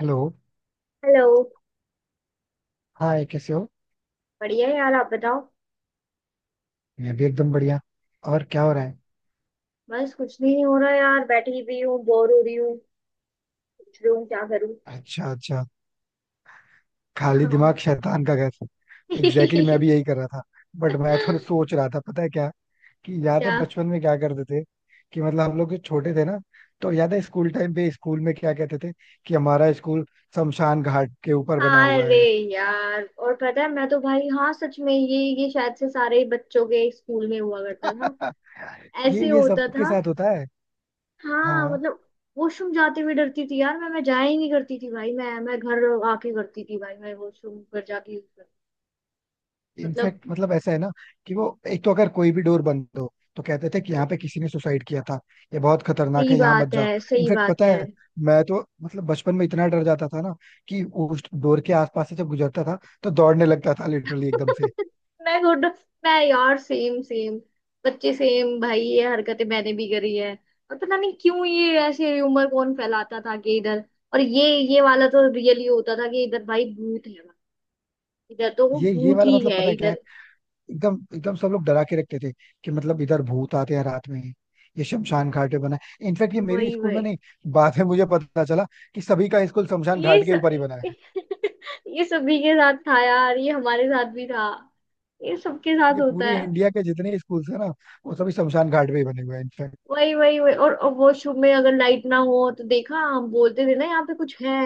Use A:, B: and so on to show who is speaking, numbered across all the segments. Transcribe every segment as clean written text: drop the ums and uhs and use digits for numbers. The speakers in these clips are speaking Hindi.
A: हेलो.
B: हेलो।
A: हाय, कैसे हो?
B: बढ़िया है यार, आप बताओ।
A: मैं भी एकदम बढ़िया. और क्या हो रहा है?
B: बस कुछ भी नहीं हो रहा यार, बैठी हुई हूँ, बोर हो रही हूँ। सोच रही हूँ क्या करूँ।
A: अच्छा, अच्छा. खाली दिमाग
B: हाँ।
A: शैतान का घर. एग्जैक्टली exactly, मैं भी यही कर रहा था. बट मैं तो सोच रहा था, पता है क्या? कि याद है
B: क्या?
A: बचपन में क्या करते थे? कि मतलब हम लोग जो छोटे थे ना, तो याद है स्कूल टाइम पे स्कूल में क्या कहते थे? कि हमारा स्कूल शमशान घाट के ऊपर बना हुआ
B: अरे।
A: है.
B: यार, और पता है मैं तो भाई, हाँ सच में ये शायद से सारे ही बच्चों के स्कूल में हुआ करता था।
A: ये
B: ऐसे
A: ये
B: होता
A: सबके
B: था।
A: साथ होता है.
B: हाँ
A: हाँ.
B: मतलब। वॉशरूम जाते हुए डरती थी यार, मैं जाया ही नहीं करती थी भाई, मैं घर आके करती थी भाई, मैं वॉशरूम पर जाके use करती-। मतलब।
A: इनफैक्ट मतलब ऐसा है ना, कि वो एक तो अगर कोई भी डोर बंद हो तो कहते थे कि यहाँ पे किसी ने सुसाइड किया था. ये बहुत खतरनाक
B: सही
A: है, यहाँ मत
B: बात
A: जाओ.
B: है, सही
A: इनफैक्ट
B: बात
A: पता
B: है।
A: है, मैं तो मतलब बचपन में इतना डर जाता था ना, कि उस डोर के आसपास से जब गुजरता था तो दौड़ने लगता था, लिटरली एकदम से.
B: मैं गुड। मैं यार, सेम सेम। बच्चे सेम भाई, ये हरकतें मैंने भी करी है। और पता नहीं क्यों ये ऐसे उम्र कौन फैलाता था कि इधर। और ये। ये वाला तो रियली होता था कि इधर भाई भूत है। इधर तो वो
A: ये
B: भूत
A: वाला
B: ही
A: मतलब
B: है
A: पता है क्या है?
B: इधर।
A: एकदम एकदम सब लोग डरा के रखते थे, कि मतलब इधर भूत आते हैं रात में. ये शमशान घाट पे बना है इनफैक्ट, ये मेरे
B: वही
A: स्कूल में
B: वही।
A: नहीं. बाद में मुझे पता चला कि सभी का स्कूल शमशान
B: ये
A: घाट
B: स...
A: के ऊपर ही बना है.
B: ये सभी के साथ था यार, ये हमारे साथ भी था। ये सबके साथ
A: ये
B: होता है।
A: पूरे इंडिया के जितने स्कूल्स हैं ना, वो सभी शमशान घाट पे ही बने हुए हैं इनफैक्ट.
B: वही वही वही। और वॉशरूम में अगर लाइट ना हो तो देखा, हम बोलते थे ना यहाँ पे कुछ है।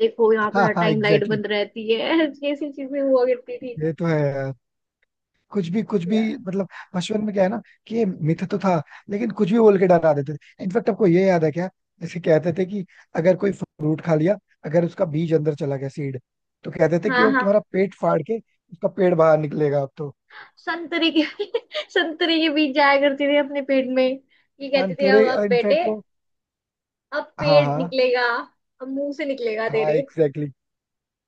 B: देखो, यहाँ पे
A: हाँ,
B: हर
A: हाँ,
B: टाइम लाइट
A: एग्जैक्टली.
B: बंद रहती है। ऐसी चीजें हुआ करती थी
A: ये तो है यार. कुछ भी कुछ भी,
B: यार।
A: मतलब. बचपन में क्या है ना, कि ये मिथ तो था, लेकिन कुछ भी बोल के डरा देते थे. इनफैक्ट आपको ये याद है क्या? जैसे कहते थे कि, अगर कोई फ्रूट खा लिया, अगर उसका बीज अंदर चला गया, सीड, तो कहते थे कि
B: हाँ,
A: वो
B: हाँ।
A: तुम्हारा पेट फाड़ के उसका पेड़ बाहर निकलेगा अब तो.
B: संतरे के। संतरे के बीज जाया करते थे अपने पेट में, ये कहते
A: हम
B: थे
A: तेरे
B: अब बेटे।
A: इनफैक्ट वो.
B: अब
A: हाँ,
B: पेट
A: हाँ.
B: निकलेगा। अब मुंह से निकलेगा
A: हाँ,
B: तेरे।
A: एग्जैक्टली.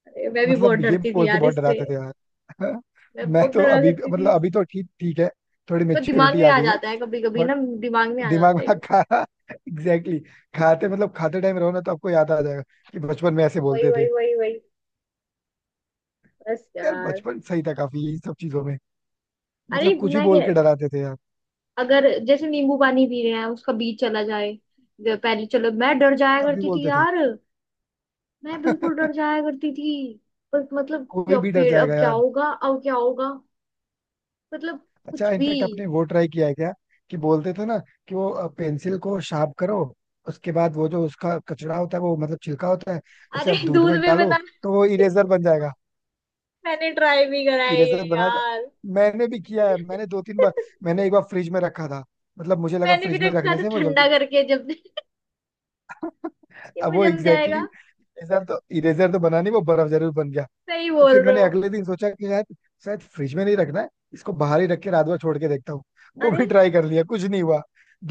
B: अरे, मैं भी बहुत
A: मतलब ये
B: डरती थी
A: बोल के
B: यार
A: बहुत
B: इससे।
A: डराते थे यार.
B: मैं
A: मैं
B: बहुत
A: तो
B: डरा
A: अभी
B: करती थी।
A: मतलब अभी तो ठीक ठीक है, थोड़ी
B: पर दिमाग
A: मेच्योरिटी
B: में
A: आ
B: आ
A: गई है.
B: जाता है कभी कभी
A: बट
B: ना। दिमाग में आ
A: दिमाग
B: जाता है।
A: में खाना. एग्जैक्टली exactly, खाते मतलब खाते टाइम रहो ना तो आपको याद आ जाएगा कि बचपन में ऐसे
B: वही
A: बोलते थे.
B: वही वही वही। बस
A: यार
B: यार।
A: बचपन सही था काफी इन सब चीजों में,
B: अरे
A: मतलब कुछ ही
B: मैं
A: बोल
B: क्या।
A: के डराते थे यार.
B: अगर जैसे नींबू पानी पी रहे हैं, उसका बीज चला जाए। पहले चलो, मैं डर जाया
A: तब भी
B: करती थी
A: बोलते थे.
B: यार। मैं बिल्कुल डर जाया करती थी। पर मतलब
A: कोई
B: क्या
A: भी डर
B: पेड़, अब
A: जाएगा
B: क्या
A: यार.
B: होगा, अब क्या होगा। मतलब।
A: अच्छा,
B: कुछ भी।
A: इनफेक्ट आपने वो ट्राई किया है क्या? कि बोलते थे ना, कि वो पेंसिल को शार्प करो, उसके बाद वो जो उसका कचरा होता है वो मतलब छिलका होता है, उसे
B: अरे
A: आप दूध
B: दूध
A: में
B: में
A: डालो,
B: बना
A: तो वो इरेजर बन जाएगा.
B: मैंने ट्राई भी करा है ये
A: इरेजर बना था.
B: यार।
A: मैंने भी किया है, मैंने दो तीन बार. मैंने एक बार फ्रिज में रखा था, मतलब मुझे लगा
B: मैंने भी
A: फ्रिज में
B: रखा
A: रखने
B: था
A: से वो जल्दी
B: ठंडा
A: बन.
B: करके जब ये
A: अब
B: मुझे
A: वो
B: जम जाएगा।
A: एग्जैक्टली exactly, इरेजर तो बना नहीं, वो बर्फ जरूर बन गया.
B: सही
A: तो
B: बोल
A: फिर
B: रहे
A: मैंने
B: हो।
A: अगले दिन सोचा कि शायद शायद फ्रिज में नहीं रखना है, इसको बाहर ही रख के रात भर छोड़ के देखता हूँ. वो
B: अरे
A: भी ट्राई कर लिया, कुछ नहीं हुआ.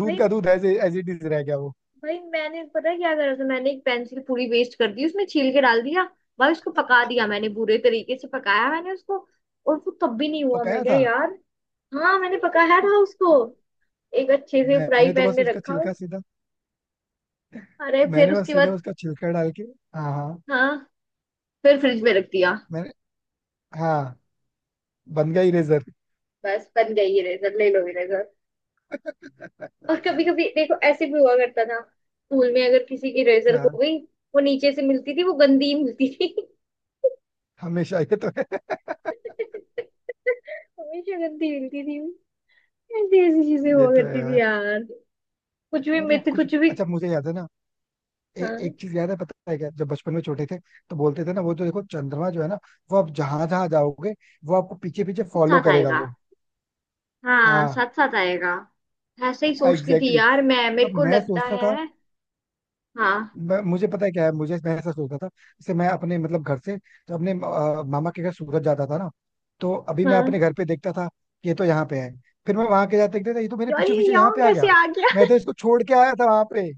A: दूध
B: भाई।
A: का दूध एज एज इट इज रह गया वो.
B: भाई मैंने, पता है क्या करा था, मैंने एक पेंसिल पूरी वेस्ट कर दी, उसमें छील के डाल दिया। भाई उसको पका दिया मैंने, बुरे तरीके से पकाया मैंने उसको। और वो तब भी नहीं हुआ, मैं
A: पकाया
B: क्या
A: था.
B: यार। हाँ, मैंने पकाया था उसको। एक अच्छे से फ्राई
A: मैंने तो
B: पैन
A: बस
B: में
A: उसका
B: रखा।
A: छिलका सीधा,
B: अरे फिर
A: मैंने बस
B: उसके
A: सीधा
B: बाद।
A: उसका छिलका डाल के, हाँ, हाँ.
B: हाँ। फिर फ्रिज में रख दिया।
A: मैंने, हाँ, बन गया इरेजर.
B: बस बन गई इरेजर, ले लो इरेजर। और कभी कभी देखो, ऐसे भी हुआ करता था स्कूल में, अगर किसी की इरेजर
A: क्या?
B: हो गई। वो नीचे से मिलती थी, वो गंदी मिलती थी।
A: हमेशा, ये तो है.
B: हमेशा गंदी मिलती थी। ऐसी ऐसी चीजें
A: ये
B: हुआ
A: तो है
B: करती थी
A: यार.
B: यार। कुछ भी
A: मतलब
B: मिथ,
A: कुछ
B: कुछ भी।
A: अच्छा मुझे याद है ना, ए,
B: हाँ,
A: एक चीज याद है, पता है क्या? जब बचपन में छोटे थे तो बोलते थे ना, वो तो देखो, चंद्रमा जो है ना, वो आप जहां जहां जाओगे, वो आपको पीछे पीछे
B: साथ
A: फॉलो
B: साथ
A: करेगा
B: आएगा।
A: वो.
B: हाँ,
A: हाँ.
B: साथ साथ आएगा। ऐसे ही
A: हाँ,
B: सोचती थी
A: एग्जैक्टली
B: यार मैं,
A: exactly.
B: मेरे
A: मतलब
B: को
A: मैं
B: लगता
A: सोचता था,
B: है। हाँ।
A: मुझे पता है क्या है, मुझे मैं ऐसा सोचता था जैसे मैं अपने मतलब घर से तो अपने मामा के घर सूरत जाता था ना, तो अभी मैं
B: हाँ
A: अपने घर पे देखता था कि ये तो यहाँ पे है. फिर मैं वहां के जाते देखता था, ये तो मेरे
B: यार,
A: पीछे
B: ये
A: पीछे यहाँ
B: यहाँ
A: पे आ
B: कैसे
A: गया.
B: आ गया।
A: मैं तो इसको छोड़ के आया था वहां पे.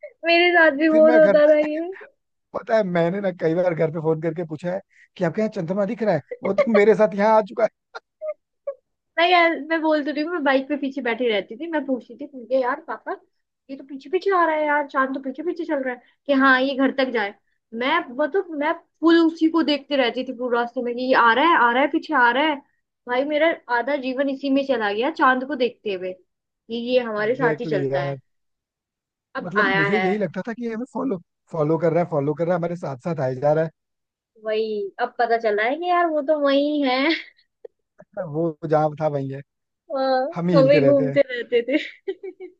B: मेरे साथ भी
A: फिर
B: बहुत
A: मैं घर
B: होता था ये।
A: पता है मैंने ना कई बार घर पे फोन करके पूछा है कि आपके यहाँ चंद्रमा दिख रहा है? वो तो मेरे साथ यहाँ आ चुका है.
B: मैं यार, मैं बोल तो रही हूँ, मैं बाइक पे पीछे बैठी रहती थी, मैं पूछती थी मुझे, यार पापा। ये तो पीछे पीछे आ रहा है यार, चांद तो पीछे पीछे चल रहा है। कि हाँ ये घर तक जाए। मैं मतलब मैं। फुल उसी को देखते रहती थी पूरे रास्ते में कि ये आ रहा है, आ रहा है, पीछे आ रहा है। भाई मेरा। आधा जीवन इसी में चला गया चांद को देखते हुए कि ये हमारे साथ ही
A: एग्जैक्टली exactly
B: चलता
A: यार.
B: है। अब
A: मतलब
B: आया
A: मुझे
B: है।
A: यही लगता था कि ये हमें फॉलो, फॉलो कर रहा है, फॉलो कर रहा है, हमारे साथ साथ आए जा रहा है.
B: वही, अब पता चल रहा है कि यार वो तो वही है
A: अच्छा, वो जहाँ था वहीं है.
B: अ,
A: हम ही
B: हम
A: हिलते
B: ही
A: रहते हैं.
B: घूमते रहते थे।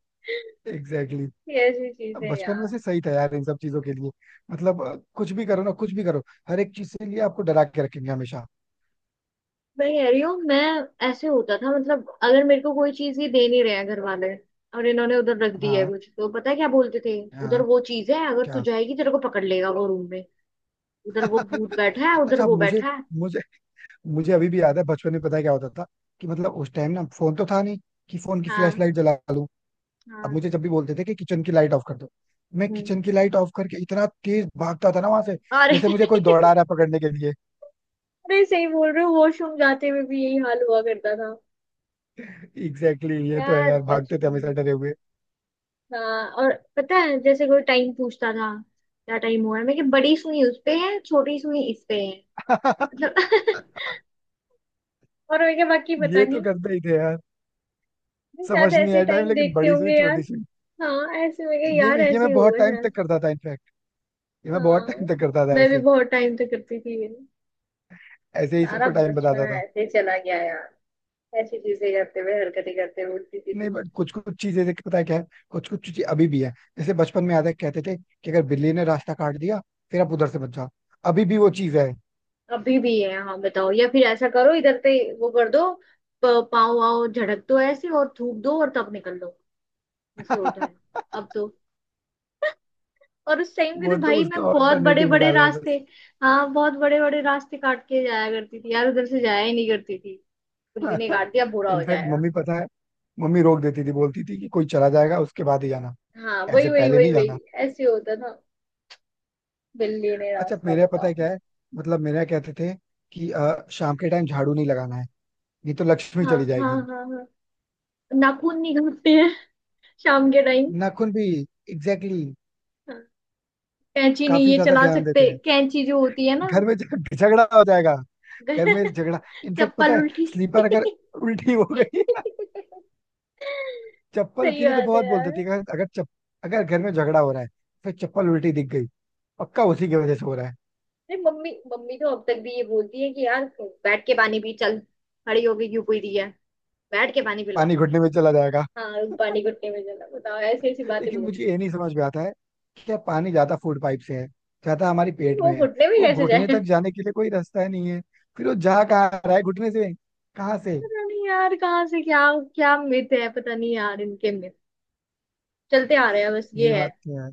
A: एग्जैक्टली
B: ये ऐसी
A: exactly.
B: चीजें
A: बचपन
B: यार।
A: में से सही था यार इन सब चीजों के लिए, मतलब कुछ भी करो ना, कुछ भी करो, हर एक चीज से लिए आपको डरा के रखेंगे हमेशा.
B: मैं कह रही हूँ मैं। ऐसे होता था मतलब, अगर मेरे को कोई चीज ही दे नहीं रहे हैं घर वाले, और इन्होंने उधर रख दी है
A: हाँ,
B: कुछ, तो पता है क्या बोलते थे। उधर
A: हाँ.
B: वो चीज है, अगर तू
A: क्या?
B: जाएगी तेरे को पकड़ लेगा वो रूम में। उधर वो भूत बैठा है, उधर
A: अच्छा,
B: वो
A: मुझे
B: बैठा है।
A: मुझे मुझे अभी भी याद है बचपन में, पता है क्या होता था? कि मतलब उस टाइम ना फोन तो था नहीं, कि फोन की फ्लैश
B: हाँ,
A: लाइट जला लूं. अब
B: हाँ।
A: मुझे जब भी बोलते थे कि किचन की लाइट ऑफ कर दो, मैं
B: हम्म।
A: किचन की लाइट ऑफ करके इतना तेज भागता था ना वहां से,
B: अरे
A: जैसे मुझे कोई दौड़ा रहा है पकड़ने के लिए.
B: अरे सही बोल रहे हो, वॉशरूम जाते हुए भी यही हाल हुआ करता था।
A: एग्जैक्टली exactly, ये तो है
B: यार
A: यार, भागते थे
B: बचपन
A: हमेशा
B: में।
A: डरे हुए.
B: हाँ, और पता है जैसे कोई टाइम पूछता था। क्या टाइम हुआ है, मैं कि बड़ी सुई उस पे है, छोटी सुई इस पे है। मतलब। और मैं क्या, बाकी पता
A: ये तो
B: नहीं।
A: करते ही थे यार.
B: नहीं, शायद
A: समझ नहीं
B: ऐसे
A: आया टाइम,
B: टाइम
A: लेकिन
B: देखते
A: बड़ी
B: होंगे
A: सुई
B: यार।
A: छोटी सुई.
B: हाँ ऐसे में क्या
A: ये
B: यार,
A: मैं ये
B: ऐसे
A: मैं
B: ही
A: बहुत
B: होगा
A: टाइम
B: शायद।
A: तक करता था इनफैक्ट, ये मैं बहुत
B: हाँ।
A: टाइम तक करता था
B: मैं भी
A: ऐसे.
B: बहुत टाइम तक करती थी ये।
A: ऐसे ही
B: सारा
A: सबको टाइम बताता
B: बचपना
A: था.
B: ऐसे ही चला गया यार। ऐसी चीजें करते हुए, हरकतें करते हुए उठती
A: नहीं,
B: थी।
A: बट कुछ कुछ चीजें देखिए, पता है क्या है? कुछ कुछ चीजें अभी भी है, जैसे बचपन में याद है कहते थे कि अगर बिल्ली ने रास्ता काट दिया, फिर आप उधर से बच जाओ. अभी भी वो चीज है.
B: अभी भी है हाँ, बताओ। या फिर ऐसा करो इधर से। वो कर दो। पाँव वाव झड़क दो ऐसे, और थूक दो और तब निकल दो। ऐसे होता है। अब तो। और उस टाइम भी तो
A: वो तो
B: भाई,
A: उसका
B: मैं बहुत बड़े
A: ऑल्टरनेटिव
B: बड़े
A: निकाला है
B: रास्ते।
A: बस.
B: हाँ, बहुत बड़े बड़े रास्ते काट के जाया करती थी यार, उधर से जाया ही नहीं करती थी। बिल्ली ने काट दिया, बुरा हो
A: इनफैक्ट
B: जाएगा।
A: मम्मी पता है, मम्मी रोक देती थी, बोलती थी कि कोई चला जाएगा उसके बाद ही जाना,
B: हाँ वही
A: ऐसे
B: वही
A: पहले
B: वही
A: नहीं जाना.
B: वही। ऐसे होता था। बिल्ली ने
A: अच्छा,
B: रास्ता,
A: मेरे यहाँ पता है
B: बताओ।
A: क्या है? मतलब मेरे यहाँ कहते थे कि शाम के टाइम झाड़ू नहीं लगाना है, नहीं तो लक्ष्मी
B: हाँ,
A: चली
B: हाँ,
A: जाएगी.
B: हाँ, हाँ। नाखून नहीं काटते हैं। शाम के टाइम।
A: नाखून भी. एग्जैक्टली exactly,
B: हाँ, कैंची नहीं
A: काफी
B: ये
A: ज्यादा
B: चला
A: ध्यान देते
B: सकते,
A: हैं.
B: कैंची जो होती है ना।
A: घर में झगड़ा हो जाएगा. घर में झगड़ा इनफेक्ट,
B: चप्पल
A: पता है
B: उल्टी
A: स्लीपर अगर उल्टी हो गई. चप्पल के
B: सही
A: लिए तो
B: बात है
A: बहुत
B: यार।
A: बोलते थे कि अगर अगर चप अगर घर में झगड़ा हो रहा है, फिर चप्पल उल्टी दिख गई, पक्का उसी की वजह से हो रहा है.
B: अरे मम्मी, मम्मी तो अब तक भी ये बोलती है कि यार। बैठ के पानी पी चल। खड़ी होगी क्यों पी रही है? बैठ के पानी
A: पानी
B: पिलवाती है।
A: घुटने में चला जाएगा.
B: हाँ पानी घुटने में चला, बताओ, ऐसी ऐसी बातें
A: लेकिन मुझे
B: बोलती
A: ये
B: है।
A: नहीं समझ में आता है, कि क्या पानी ज्यादा फूड पाइप से है, ज्यादा हमारी पेट में
B: वो
A: है.
B: घुटने भी
A: वो
B: कैसे
A: घुटने
B: जाए।
A: तक जाने के लिए कोई रास्ता ही नहीं है, फिर वो जा कहाँ रहा है घुटने से? कहाँ से?
B: पता नहीं यार कहाँ से क्या। क्या मिथ है पता नहीं यार, इनके मिथ। चलते आ रहे हैं, बस ये
A: ये
B: है।
A: बात तो है.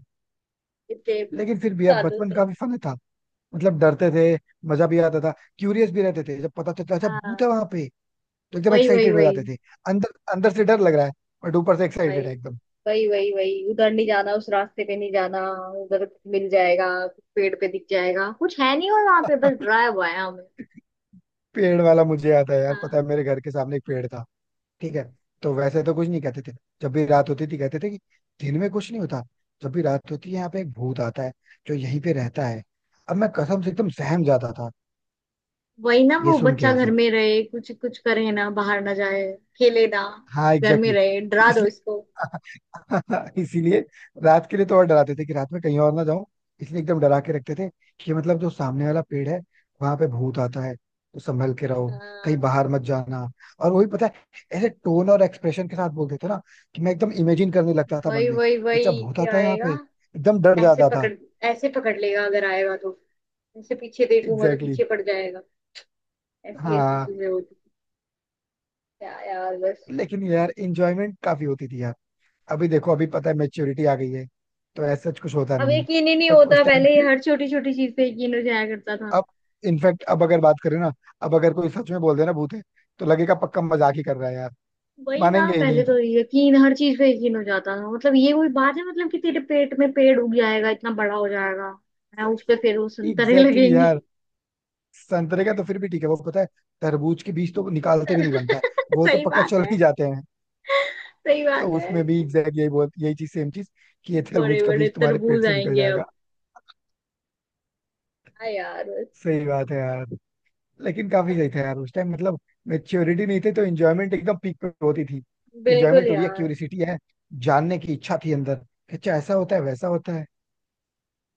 B: इतने।
A: लेकिन फिर भी यार
B: सालों
A: बचपन
B: से।
A: काफी फन था. मतलब डरते थे, मजा भी आता था, क्यूरियस भी रहते थे, जब पता चलता अच्छा भूत
B: हाँ
A: है वहां पे तो एकदम
B: वही वही
A: एक्साइटेड हो
B: वही
A: जाते थे. अंदर अंदर से डर लग रहा है, बट ऊपर से
B: वही
A: एक्साइटेड है एकदम.
B: वही वही वही, उधर नहीं जाना, उस रास्ते पे नहीं जाना। उधर। मिल जाएगा कुछ पेड़ पे, दिख जाएगा कुछ, है नहीं, और वहां पे बस डराया हुआ है हमें।
A: पेड़ वाला मुझे आता है यार, पता
B: हाँ
A: है, मेरे घर के सामने एक पेड़ था. ठीक है. तो वैसे तो कुछ नहीं कहते थे, जब भी रात होती थी कहते थे कि दिन में कुछ नहीं होता, जब भी रात होती है यहाँ पे एक भूत आता है, जो यहीं पे रहता है. अब मैं कसम से एकदम सहम जाता था,
B: वही ना,
A: ये
B: वो
A: सुन के
B: बच्चा
A: ही
B: घर
A: सिर्फ.
B: में रहे, कुछ कुछ करे ना, बाहर ना जाए। खेले ना।
A: हाँ,
B: घर में
A: एग्जैक्टली
B: रहे, डरा दो
A: exactly.
B: इसको।
A: इसीलिए रात के लिए तो और डराते थे कि रात में कहीं और ना जाऊं, इसलिए एकदम डरा के रखते थे कि मतलब जो सामने वाला पेड़ है, वहां पे भूत आता है, तो संभल के रहो, कहीं
B: हाँ
A: बाहर मत जाना. और वही, पता है, ऐसे टोन और एक्सप्रेशन के साथ बोलते थे ना, कि मैं एकदम इमेजिन करने लगता था मन
B: वही
A: में
B: वही
A: कि अच्छा
B: वही,
A: भूत
B: क्या
A: आता है यहाँ
B: आएगा।
A: पे, एकदम डर
B: ऐसे
A: जाता था.
B: पकड़। ऐसे पकड़ लेगा अगर आएगा तो। ऐसे पीछे देखूंगा तो
A: एग्जैक्टली exactly.
B: पीछे पड़ जाएगा। ऐसी ऐसी
A: हाँ.
B: चीजें होती थी। क्या यार बस।
A: लेकिन यार इंजॉयमेंट काफी होती थी यार. अभी देखो, अभी पता है मेच्योरिटी आ गई है, तो ऐसा कुछ होता
B: अब
A: नहीं है.
B: यकीन ही नहीं
A: बट
B: होता,
A: उस टाइम,
B: पहले ये हर छोटी छोटी चीज पे यकीन हो जाया करता था।
A: अब इनफैक्ट, अब अगर बात करें ना, अब अगर कोई सच में बोल देना भूत है, तो लगेगा पक्का मजाक ही कर रहा है यार.
B: वही ना,
A: मानेंगे ही
B: पहले
A: नहीं.
B: तो यकीन, हर चीज पे यकीन हो जाता था मतलब, ये कोई बात है मतलब कि तेरे पेट में पेड़ उग जाएगा, इतना बड़ा हो जाएगा। है उस पे, फिर वो
A: एग्जैक्टली
B: संतरे
A: exactly
B: लगेंगे।
A: यार. संतरे का तो फिर भी ठीक है वो, पता है, तरबूज के बीज तो निकालते भी नहीं बनता है. वो तो
B: सही
A: पक्का
B: बात
A: चल
B: है,
A: ही जाते हैं.
B: सही
A: तो
B: बात है।
A: उसमें भी एग्जैक्ट यही चीज सेम चीज, कि ये
B: बड़े
A: तरबूज का
B: बड़े
A: बीज तुम्हारे पेट
B: तरबूज
A: से निकल
B: आएंगे
A: जाएगा.
B: अब। हाँ यार बस।
A: सही बात है यार. लेकिन काफी सही था यार उस टाइम, मतलब मेच्योरिटी नहीं थी तो इंजॉयमेंट एकदम पीक पे होती थी.
B: बिल्कुल
A: इंजॉयमेंट हो रही है,
B: यार।
A: क्यूरिसिटी है, जानने की इच्छा थी अंदर, कि अच्छा ऐसा होता है वैसा होता है.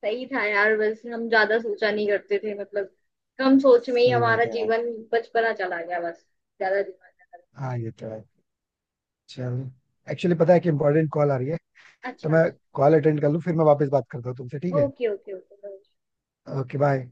B: सही था यार बस, हम ज्यादा सोचा नहीं करते थे मतलब। कम सोच में ही
A: सही
B: हमारा
A: बात है यार.
B: जीवन बचपना चला गया बस। ज्यादा दिमाग।
A: हाँ, ये तो है. चलो, एक्चुअली पता है कि इंपॉर्टेंट कॉल आ रही है,
B: अच्छा,
A: तो
B: अच्छा।
A: मैं कॉल अटेंड कर लूँ फिर मैं वापस बात करता हूँ तुमसे, ठीक है?
B: Okay, okay, okay.
A: Okay, bye.